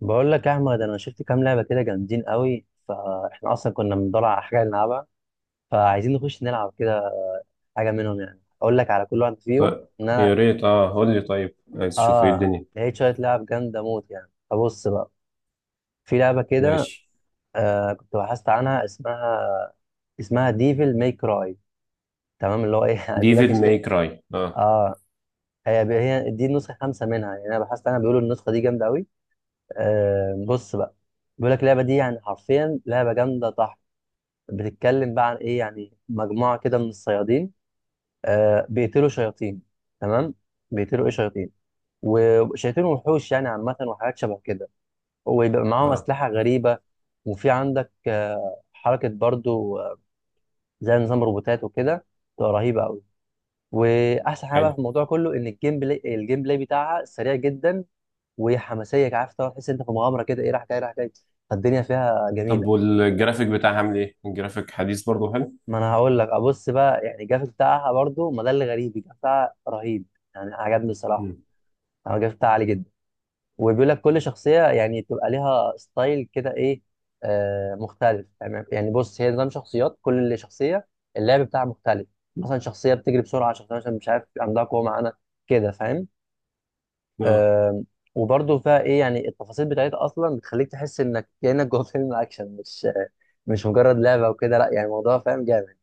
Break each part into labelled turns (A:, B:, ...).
A: بقول لك يا احمد، انا شفت كام لعبه كده جامدين قوي. فاحنا اصلا كنا بندور على حاجه نلعبها، فعايزين نخش نلعب كده حاجه منهم. يعني اقول لك على كل واحد فيهم،
B: طيب،
A: ان
B: يا
A: انا
B: ريت قول لي. طيب عايز تشوف ايه
A: اه
B: الدنيا؟
A: لقيت شويه لعب جامده موت يعني. فبص بقى، في لعبه كده.
B: ماشي.
A: كنت بحثت عنها، اسمها ديفل ماي كراي. تمام، اللي هو ايه، يعني بيقول لك
B: ديفيد ماي كراي
A: اه هي دي النسخه 5 منها. يعني انا بحثت عنها، بيقولوا النسخه دي جامده قوي. بص بقى، بيقول لك اللعبه دي يعني حرفيا لعبه جامده طح. بتتكلم بقى عن ايه؟ يعني مجموعه كده من الصيادين. بيقتلوا شياطين. تمام. بيقتلوا ايه؟ شياطين، وشياطين وحوش يعني، عامه وحاجات شبه كده. ويبقى معاهم
B: اه
A: اسلحه غريبه. وفي عندك حركه برضو، زي نظام روبوتات وكده، تبقى رهيبه قوي. واحسن حاجه بقى
B: حلو.
A: في الموضوع كله ان الجيم بلاي بتاعها سريع جدا. وحماسيه، عارف طبعا تحس إن انت في مغامره كده ايه، راح جاي راح جاي، فالدنيا فيها
B: طب
A: جميله.
B: والجرافيك بتاعها عامل ايه؟ الجرافيك حديث برضه حلو.
A: ما انا هقول لك ابص بقى، يعني الجرافيك بتاعها برضو، ما ده اللي غريب، الجرافيك بتاعها رهيب. يعني عجبني الصراحه.
B: مم.
A: أنا الجرافيك بتاعها عالي جدا. وبيقول لك كل شخصيه يعني تبقى ليها ستايل كده ايه، مختلف يعني. بص، هي نظام شخصيات، كل شخصيه اللعب بتاعها مختلف. مثلا شخصيه بتجري بسرعه، شخصيه عشان مش عارف عندها قوه معانا، كده فاهم؟
B: اه
A: آه. وبرضو فيها ايه، يعني التفاصيل بتاعتها اصلا بتخليك تحس انك كانك جوه فيلم اكشن، مش مجرد لعبه وكده، لا يعني الموضوع فاهم، جامد.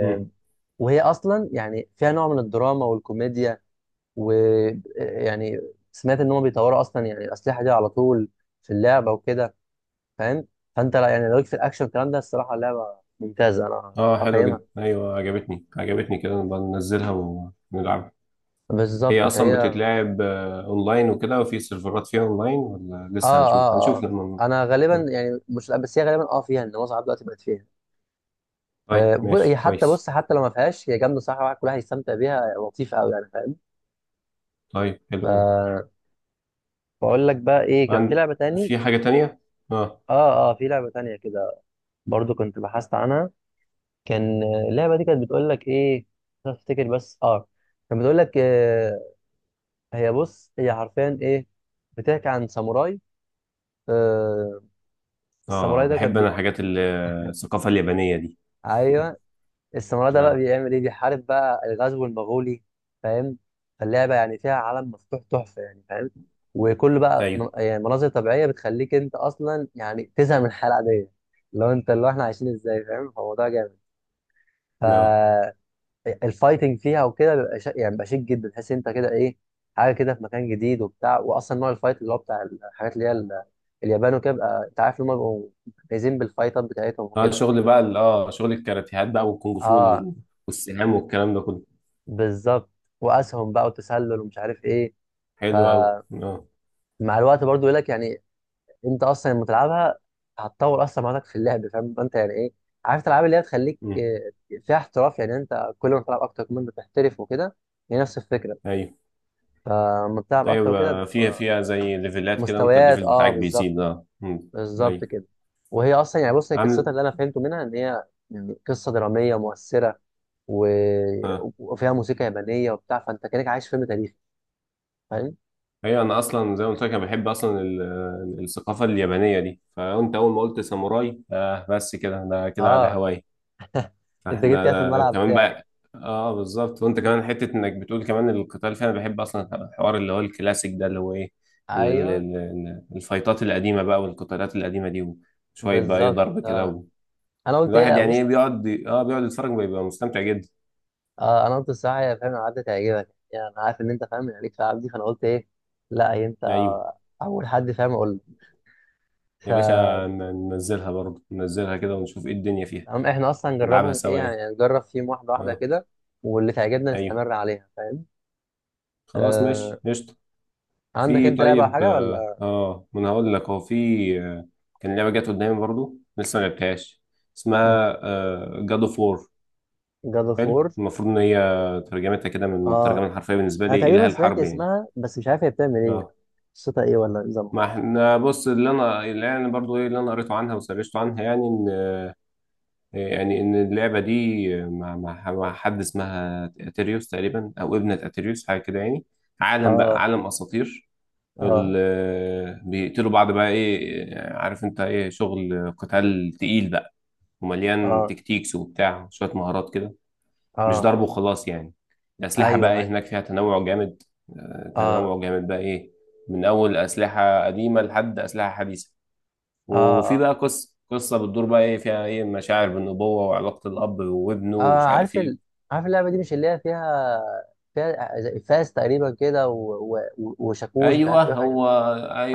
B: مم.
A: اصلا يعني فيها نوع من الدراما والكوميديا. ويعني سمعت ان هم بيطوروا اصلا يعني الاسلحه دي على طول في اللعبه وكده، فاهم. فانت لا يعني لو ليك في الاكشن والكلام ده، الصراحه اللعبه ممتازه، انا
B: اه حلو
A: اقيمها.
B: جدا، ايوه عجبتني، عجبتني كده، نبقى ننزلها ونلعبها.
A: بالظبط.
B: هي اصلا
A: فهي
B: بتتلعب اونلاين وكده وفي سيرفرات فيها اونلاين ولا لسه؟
A: اه
B: هنشوف،
A: اه
B: لما.
A: انا غالبا
B: مم.
A: يعني، مش، لا بس هي غالبا فيها، ان معظم دلوقتي بقت فيها.
B: طيب
A: هي
B: ماشي
A: حتى،
B: كويس.
A: بص، حتى لو ما فيهاش هي جامده صح، الواحد كلها هيستمتع بيها، لطيفه قوي يعني، فاهم.
B: طيب حلو أوي.
A: آه. بقول لك بقى ايه، كان في
B: عن...
A: لعبه تاني.
B: في حاجة تانية؟ اه.
A: اه في لعبه تانيه كده، برضو كنت بحثت عنها. كان، اللعبه دي كانت بتقول لك ايه، مش عارف افتكر، بس كانت بتقول لك، آه. هي بص، هي حرفيا ايه، بتحكي عن ساموراي. آه
B: اه
A: الساموراي ده كان
B: بحب انا الحاجات الثقافة اليابانية دي.
A: ايوه، الساموراي ده بقى
B: نعم.
A: بيعمل ايه، بيحارب بقى الغزو المغولي، فاهم. فاللعبه يعني فيها عالم مفتوح تحفه يعني، فاهم. وكل بقى
B: ايوه.
A: يعني مناظر طبيعيه بتخليك انت اصلا يعني تزهق من الحياه العاديه، لو انت اللي هو احنا عايشين ازاي، فاهم. فالموضوع
B: نعم.
A: جامد. الفايتنج فيها وكده بيبقى يعني بيبقى شيك جدا. تحس انت كده ايه، حاجه كده في مكان جديد وبتاع، واصلا نوع الفايت اللي هو بتاع الحاجات اللي هي اليابان وكده، بيبقى انت عارف ان هم بيبقوا جايزين بالفايتات بتاعتهم
B: اه
A: وكده.
B: شغل بقى شغل الكاراتيهات بقى والكونغ فو
A: اه
B: والسهام والكلام ده كله.
A: بالظبط. واسهم بقى، وتسلل، ومش عارف ايه.
B: حلو قوي.
A: فمع
B: اه
A: الوقت برضو يقول لك يعني، انت اصلا لما تلعبها هتطور اصلا مهاراتك في اللعب، فاهم انت يعني ايه، عارف الالعاب اللي هي تخليك،
B: أمم.
A: فيها احتراف. يعني انت كل ما تلعب اكتر كل ما انت تحترف وكده، هي نفس الفكره.
B: ايوه.
A: فلما بتلعب اكتر
B: ايوه
A: وكده،
B: فيها، زي ليفلات كده، وانت
A: مستويات
B: الليفل
A: اه،
B: بتاعك
A: بالظبط،
B: بيزيد. اه أمم.
A: بالظبط
B: ايوه.
A: كده. وهي اصلا يعني بص، هي قصتها
B: عامل
A: اللي انا فهمته منها ان هي يعني قصه دراميه مؤثره و...
B: اه
A: وفيها موسيقى يابانيه وبتاع، فانت كانك عايش فيلم تاريخي، فاهم.
B: ايوه. انا اصلا زي ما قلت لك، انا بحب اصلا الثقافه اليابانيه دي. فانت اول ما قلت ساموراي بس كده انا كده على
A: اه
B: هواي.
A: انت جيت
B: احنا
A: كده في
B: ده
A: الملعب
B: كمان
A: بتاعي.
B: بقى. اه بالظبط. وانت كمان حته انك بتقول كمان القتال فيها، انا بحب اصلا الحوار اللي هو الكلاسيك ده، اللي هو ايه،
A: ايوه
B: الفايتات القديمه بقى والقتالات القديمه دي، وشويه بقى ايه
A: بالظبط.
B: ضرب كده
A: اه
B: و...
A: انا قلت
B: الواحد
A: ايه،
B: يعني ايه
A: بص.
B: بيقعد بيقعد يتفرج، بيبقى مستمتع جدا.
A: انا قلت الصراحه، يا فاهم العاب دي تعجبك، يعني انا عارف ان انت فاهم، يعني ليك في العاب دي، فانا قلت ايه، لا هي انت
B: ايوه
A: اول حد فاهم، اقول لك.
B: يا باشا، ننزلها برضه، ننزلها كده ونشوف ايه الدنيا فيها.
A: فاحنا اصلا
B: نلعبها
A: نجربهم ايه،
B: سوا يعني.
A: يعني نجرب فيهم واحده واحده
B: اه.
A: كده، واللي تعجبنا
B: ايوه.
A: نستمر عليها، فاهم.
B: خلاص
A: آه.
B: ماشي قشطه.
A: عندك
B: في.
A: انت لعبه او
B: طيب
A: حاجه ولا؟
B: ما انا هقول لك، هو في آه، كان لعبه جت قدامي برضو لسه ما لعبتهاش، اسمها جاد اوف وور.
A: جاد اوف وور.
B: حلو. المفروض ان هي ترجمتها كده من
A: اه،
B: الترجمه الحرفيه بالنسبه
A: انا
B: لي اله
A: تقريبا سمعت
B: الحرب يعني.
A: اسمها بس مش عارف هي بتعمل ايه،
B: اه.
A: قصتها ايه ولا نظامها.
B: ما احنا بص، اللي يعني برضو ايه اللي انا قريته عنها وسرشته عنها، يعني ان يعني ان اللعبه دي مع حد اسمها اتريوس تقريبا، او ابنه اتريوس حاجه كده يعني. عالم
A: اه.
B: بقى، عالم اساطير.
A: اه.
B: بيقتلوا بعض بقى، ايه عارف انت، ايه شغل قتال تقيل بقى، ومليان
A: اه.
B: تكتيكس وبتاع، شوية مهارات كده،
A: اه.
B: مش ضرب
A: اه.
B: وخلاص يعني. الأسلحة بقى
A: ايوه.
B: ايه
A: ايوه.
B: هناك، فيها تنوع جامد،
A: اه.
B: تنوع جامد بقى ايه، من أول أسلحة قديمة لحد أسلحة حديثة.
A: اه.
B: وفي
A: اه,
B: بقى قصة بتدور بقى ايه فيها، ايه مشاعر بالنبوة وعلاقة الأب وابنه
A: آه
B: ومش عارف
A: عارف
B: ايه.
A: عارف اللعبه دي مش اللي هي فيها، فيها زي فاس تقريبا كده وشاكوش ومش
B: ايوه
A: عارف ايه وحاجه.
B: هو.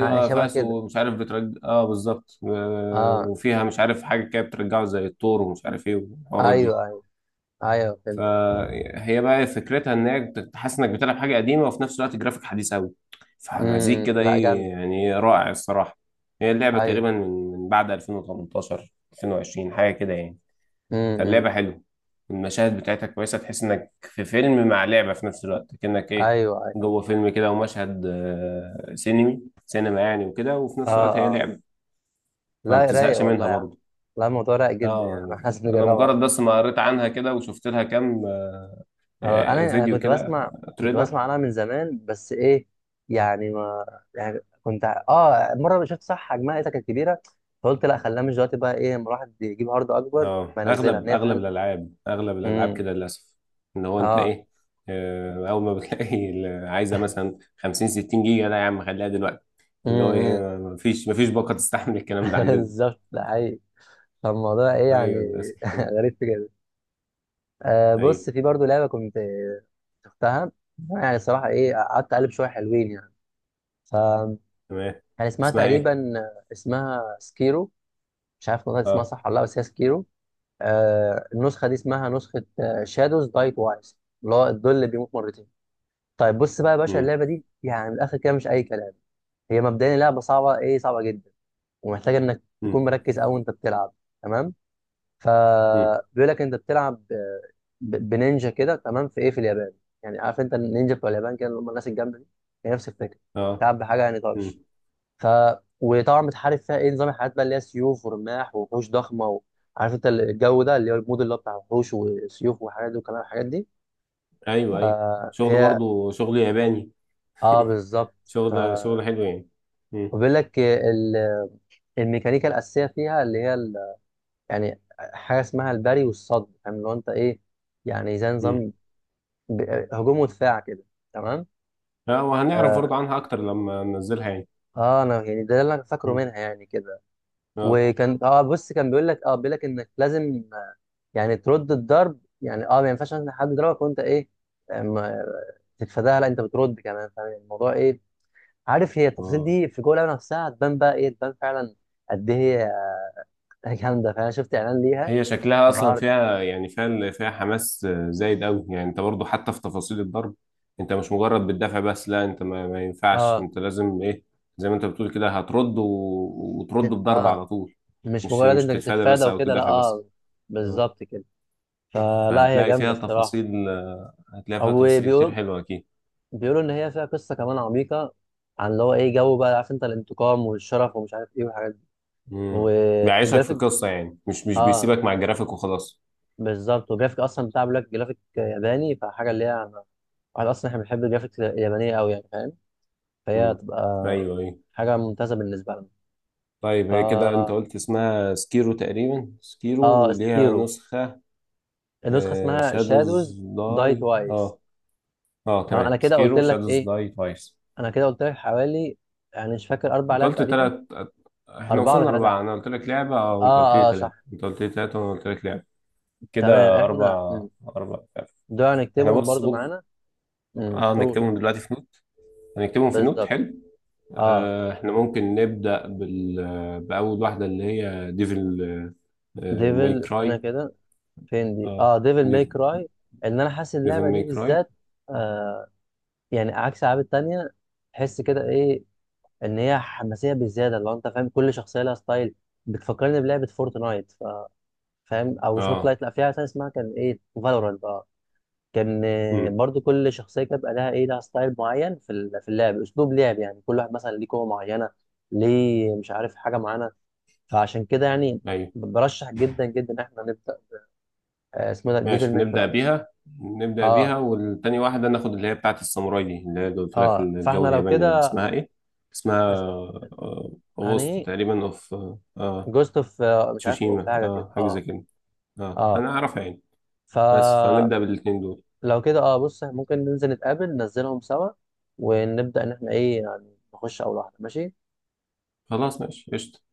A: آه شبه كده.
B: فاسو مش عارف بترجع، اه بالظبط.
A: اه.
B: وفيها مش عارف حاجه كده بترجعه زي التور ومش عارف ايه والحوارات دي.
A: ايوه. ايوه. ايوه فهمت.
B: فهي بقى فكرتها ان هي تحس انك بتلعب حاجه قديمه وفي نفس الوقت جرافيك حديث قوي، فمزيج
A: امم.
B: كده
A: لا
B: ايه
A: جامده.
B: يعني، رائع الصراحه. هي اللعبه
A: ايوه.
B: تقريبا من من بعد 2018، 2020 حاجه كده يعني.
A: امم.
B: فاللعبة حلوة، المشاهد بتاعتها كويسة، تحس انك في فيلم مع لعبة في نفس الوقت، كأنك
A: ايوه.
B: ايه
A: ايوه.
B: جوه فيلم كده، ومشهد سينمي، سينما يعني، وكده، وفي
A: اه.
B: نفس الوقت هي
A: اه.
B: لعبة، فما
A: لا رايق
B: بتزهقش منها
A: والله.
B: برضه.
A: لا الموضوع رايق جدا يعني،
B: اه.
A: احنا لازم
B: انا
A: نجربها
B: مجرد
A: دي.
B: بس ما قريت عنها كده وشفت لها كام
A: آه، انا انا
B: فيديو
A: كنت
B: كده،
A: بسمع كنت
B: تريلر.
A: بسمع عنها من زمان، بس ايه يعني، ما يعني كنت مره شفت صح، حجمها ايه كانت كبيره. فقلت لا، خليها مش دلوقتي بقى ايه، لما الواحد يجيب هارد اكبر
B: اه
A: فينزلها، ان
B: اغلب،
A: هي فعلا.
B: اغلب الالعاب
A: امم.
B: كده للاسف، ان هو انت
A: اه.
B: ايه، اول ما بتلاقي عايزه مثلا 50 60 جيجا، لا يا عم خليها دلوقتي، اللي هو
A: امم.
B: ايه، مفيش باقه تستحمل الكلام ده عندنا.
A: بالظبط، ده حقيقي، فالموضوع ايه يعني.
B: ايوه للاسف.
A: غريب، في كده.
B: ايوه
A: بص، في برضو لعبه كنت شفتها، يعني الصراحه ايه، قعدت اقلب شويه حلوين يعني. ف
B: تمام.
A: كان اسمها
B: اسمها ايه؟
A: تقريبا، اسمها سكيرو، مش عارف والله اسمها
B: اه
A: صح ولا لا، بس هي سكيرو. النسخه دي اسمها نسخه شادوز دايت وايز، اللي هو الظل اللي بيموت مرتين. طيب بص بقى يا باشا،
B: امم
A: اللعبه دي يعني من الاخر كده مش اي كلام. هي مبدئيا لعبه صعبه، ايه، صعبه جدا. ومحتاجه انك تكون
B: امم
A: مركز قوي وانت بتلعب. تمام.
B: امم
A: فبيقول لك انت بتلعب بنينجا كده، تمام، في ايه، في اليابان. يعني عارف انت النينجا بتوع اليابان كده، اللي هم الناس الجامده دي، هي نفس الفكره.
B: اه
A: بتلعب بحاجه يعني
B: امم
A: طرش. ف وطبعا بتحارب فيها ايه، نظام الحاجات بقى اللي هي سيوف ورماح ووحوش ضخمه عارف انت الجو ده، اللي هو المود اللي هو بتاع وحوش وسيوف وحاجات دي، وكلام الحاجات دي.
B: ايوه. ايوه شغل
A: فهي
B: برضو شغل ياباني،
A: اه بالظبط. ف
B: شغل حلو يعني. امم
A: وبيقول لك الميكانيكا الاساسيه فيها اللي هي يعني حاجه اسمها البري والصد، فاهم، اللي هو انت ايه، يعني زي
B: امم
A: نظام ب... هجوم ودفاع كده. تمام.
B: اه. وهنعرف
A: آه...
B: برضو عنها اكتر لما ننزلها يعني.
A: اه انا يعني ده اللي انا فاكره
B: امم
A: منها يعني كده.
B: اه.
A: وكان بص، كان بيقول لك بيقول لك انك لازم، يعني ترد الضرب، يعني ما ينفعش مثلا حد يضربك وانت ايه، أم- تتفاداها، لا انت بترد كمان، فاهم يعني الموضوع ايه. عارف، هي التفاصيل
B: اه.
A: دي في جوه اللعبه نفسها هتبان بقى ايه، تبان فعلا قد ايه. هي جامده، فانا شفت اعلان ليها
B: هي شكلها اصلا
A: انبهرت.
B: فيها يعني، فيها حماس زايد قوي يعني، انت برضو حتى في تفاصيل الضرب، انت مش مجرد بتدافع بس، لا انت ما, ما ينفعش،
A: اه.
B: انت لازم ايه زي ما انت بتقول كده، هترد و... وترد
A: تت-
B: بضرب
A: اه
B: على طول،
A: مش مجرد
B: مش
A: انك
B: تتفادى
A: تتفادى
B: بس او
A: وكده، لا.
B: تدافع بس.
A: اه
B: اه.
A: بالظبط كده. فلا، هي
B: فهتلاقي
A: جامده
B: فيها
A: الصراحه.
B: تفاصيل، هتلاقي فيها
A: او
B: تفاصيل كتير
A: بيقول
B: حلوة اكيد.
A: بيقولوا ان هي فيها قصه كمان عميقه، عن اللي هو ايه، جو بقى عارف انت الانتقام والشرف ومش عارف ايه والحاجات،
B: امم بيعيشك في
A: والجرافيك.
B: قصة يعني، مش، مش
A: اه
B: بيسيبك مع الجرافيك وخلاص.
A: بالظبط. والجرافيك اصلا بتاع، بيقول لك جرافيك ياباني فحاجه اللي هي، واحد اصلا احنا بنحب الجرافيك اليابانيه قوي يعني فاهم. فهي
B: امم
A: هتبقى
B: ايوه. ايوه.
A: حاجه ممتازه بالنسبه لنا.
B: طيب هي كده انت
A: فا
B: قلت اسمها سكيرو تقريبا، سكيرو
A: اه
B: وليها
A: سكيرو،
B: نسخة
A: النسخه اسمها شادوز
B: شادوز
A: داي
B: داي.
A: توايس.
B: اه. اه
A: تمام، انا
B: تمام،
A: كده قلت
B: سكيرو
A: لك
B: شادوز
A: ايه،
B: داي توايس.
A: انا كده قلت لك حوالي يعني، مش فاكر، 4
B: انت
A: لعب
B: قلت
A: تقريبا،
B: تلات، احنا
A: 4 ولا
B: وصلنا
A: 3.
B: اربعة، انا قلت لك لعبة وانت قلت لي
A: اه
B: تلاتة.
A: صح.
B: انت قلت لي تلاتة وانا قلت لك لعبة،
A: تمام
B: كده
A: احنا.
B: اربع، اربع لعبة.
A: دول
B: احنا
A: هنكتبهم برضو
B: بص.
A: معانا.
B: اه
A: قولوا.
B: نكتبهم دلوقتي في نوت، هنكتبهم في نوت.
A: بالظبط.
B: حلو.
A: اه
B: احنا ممكن نبدأ بأول واحدة اللي هي ديفل ماي
A: ديفل، استنى
B: كراي.
A: كده، فين دي،
B: اه
A: اه ديفل ماي كراي. ان انا حاسس
B: ديفل
A: اللعبه
B: ماي
A: دي
B: كراي.
A: بالذات، آه، يعني عكس الالعاب التانيه، تحس كده ايه، ان هي حماسيه بزياده، لو انت فاهم، كل شخصيه لها ستايل. بتفكرني بلعبه فورتنايت، فاهم، او مش
B: اه
A: فورتنايت، لا فيها تانية اسمها كان ايه، فالورانت اه. كان
B: مم.
A: برضو كل شخصيه كانت بقى لها ايه، لها ستايل معين في في اللعب، اسلوب لعب يعني، كل واحد مثلا ليه قوه معينه، ليه مش عارف حاجه معينه. فعشان كده يعني،
B: أيوه.
A: برشح جدا جدا إن احنا نبدا، اسمه ده ديفل
B: ماشي
A: ماي
B: نبدأ
A: كراي.
B: بيها. نبدأ بيها،
A: اه.
B: والتاني واحدة ناخد اللي هي بتاعة الساموراي دي، اللي هي قلت لك
A: اه
B: الجو
A: فاحنا لو
B: الياباني ده،
A: كده،
B: اسمها ايه؟ اسمها
A: است-
B: أغسطس
A: هني
B: تقريبا اوف
A: جوست اوف، مش عارف اوف
B: تسوشيما،
A: حاجه كده.
B: اه حاجة زي
A: اه.
B: كده. اه
A: اه.
B: أنا أعرفها يعني. بس
A: فلو
B: فنبدأ بالاتنين دول.
A: كده بص، ممكن ننزل نتقابل، ننزلهم سوا، ونبدا ان احنا ايه، يعني نخش اول واحده، ماشي.
B: خلاص ماشي قشطة.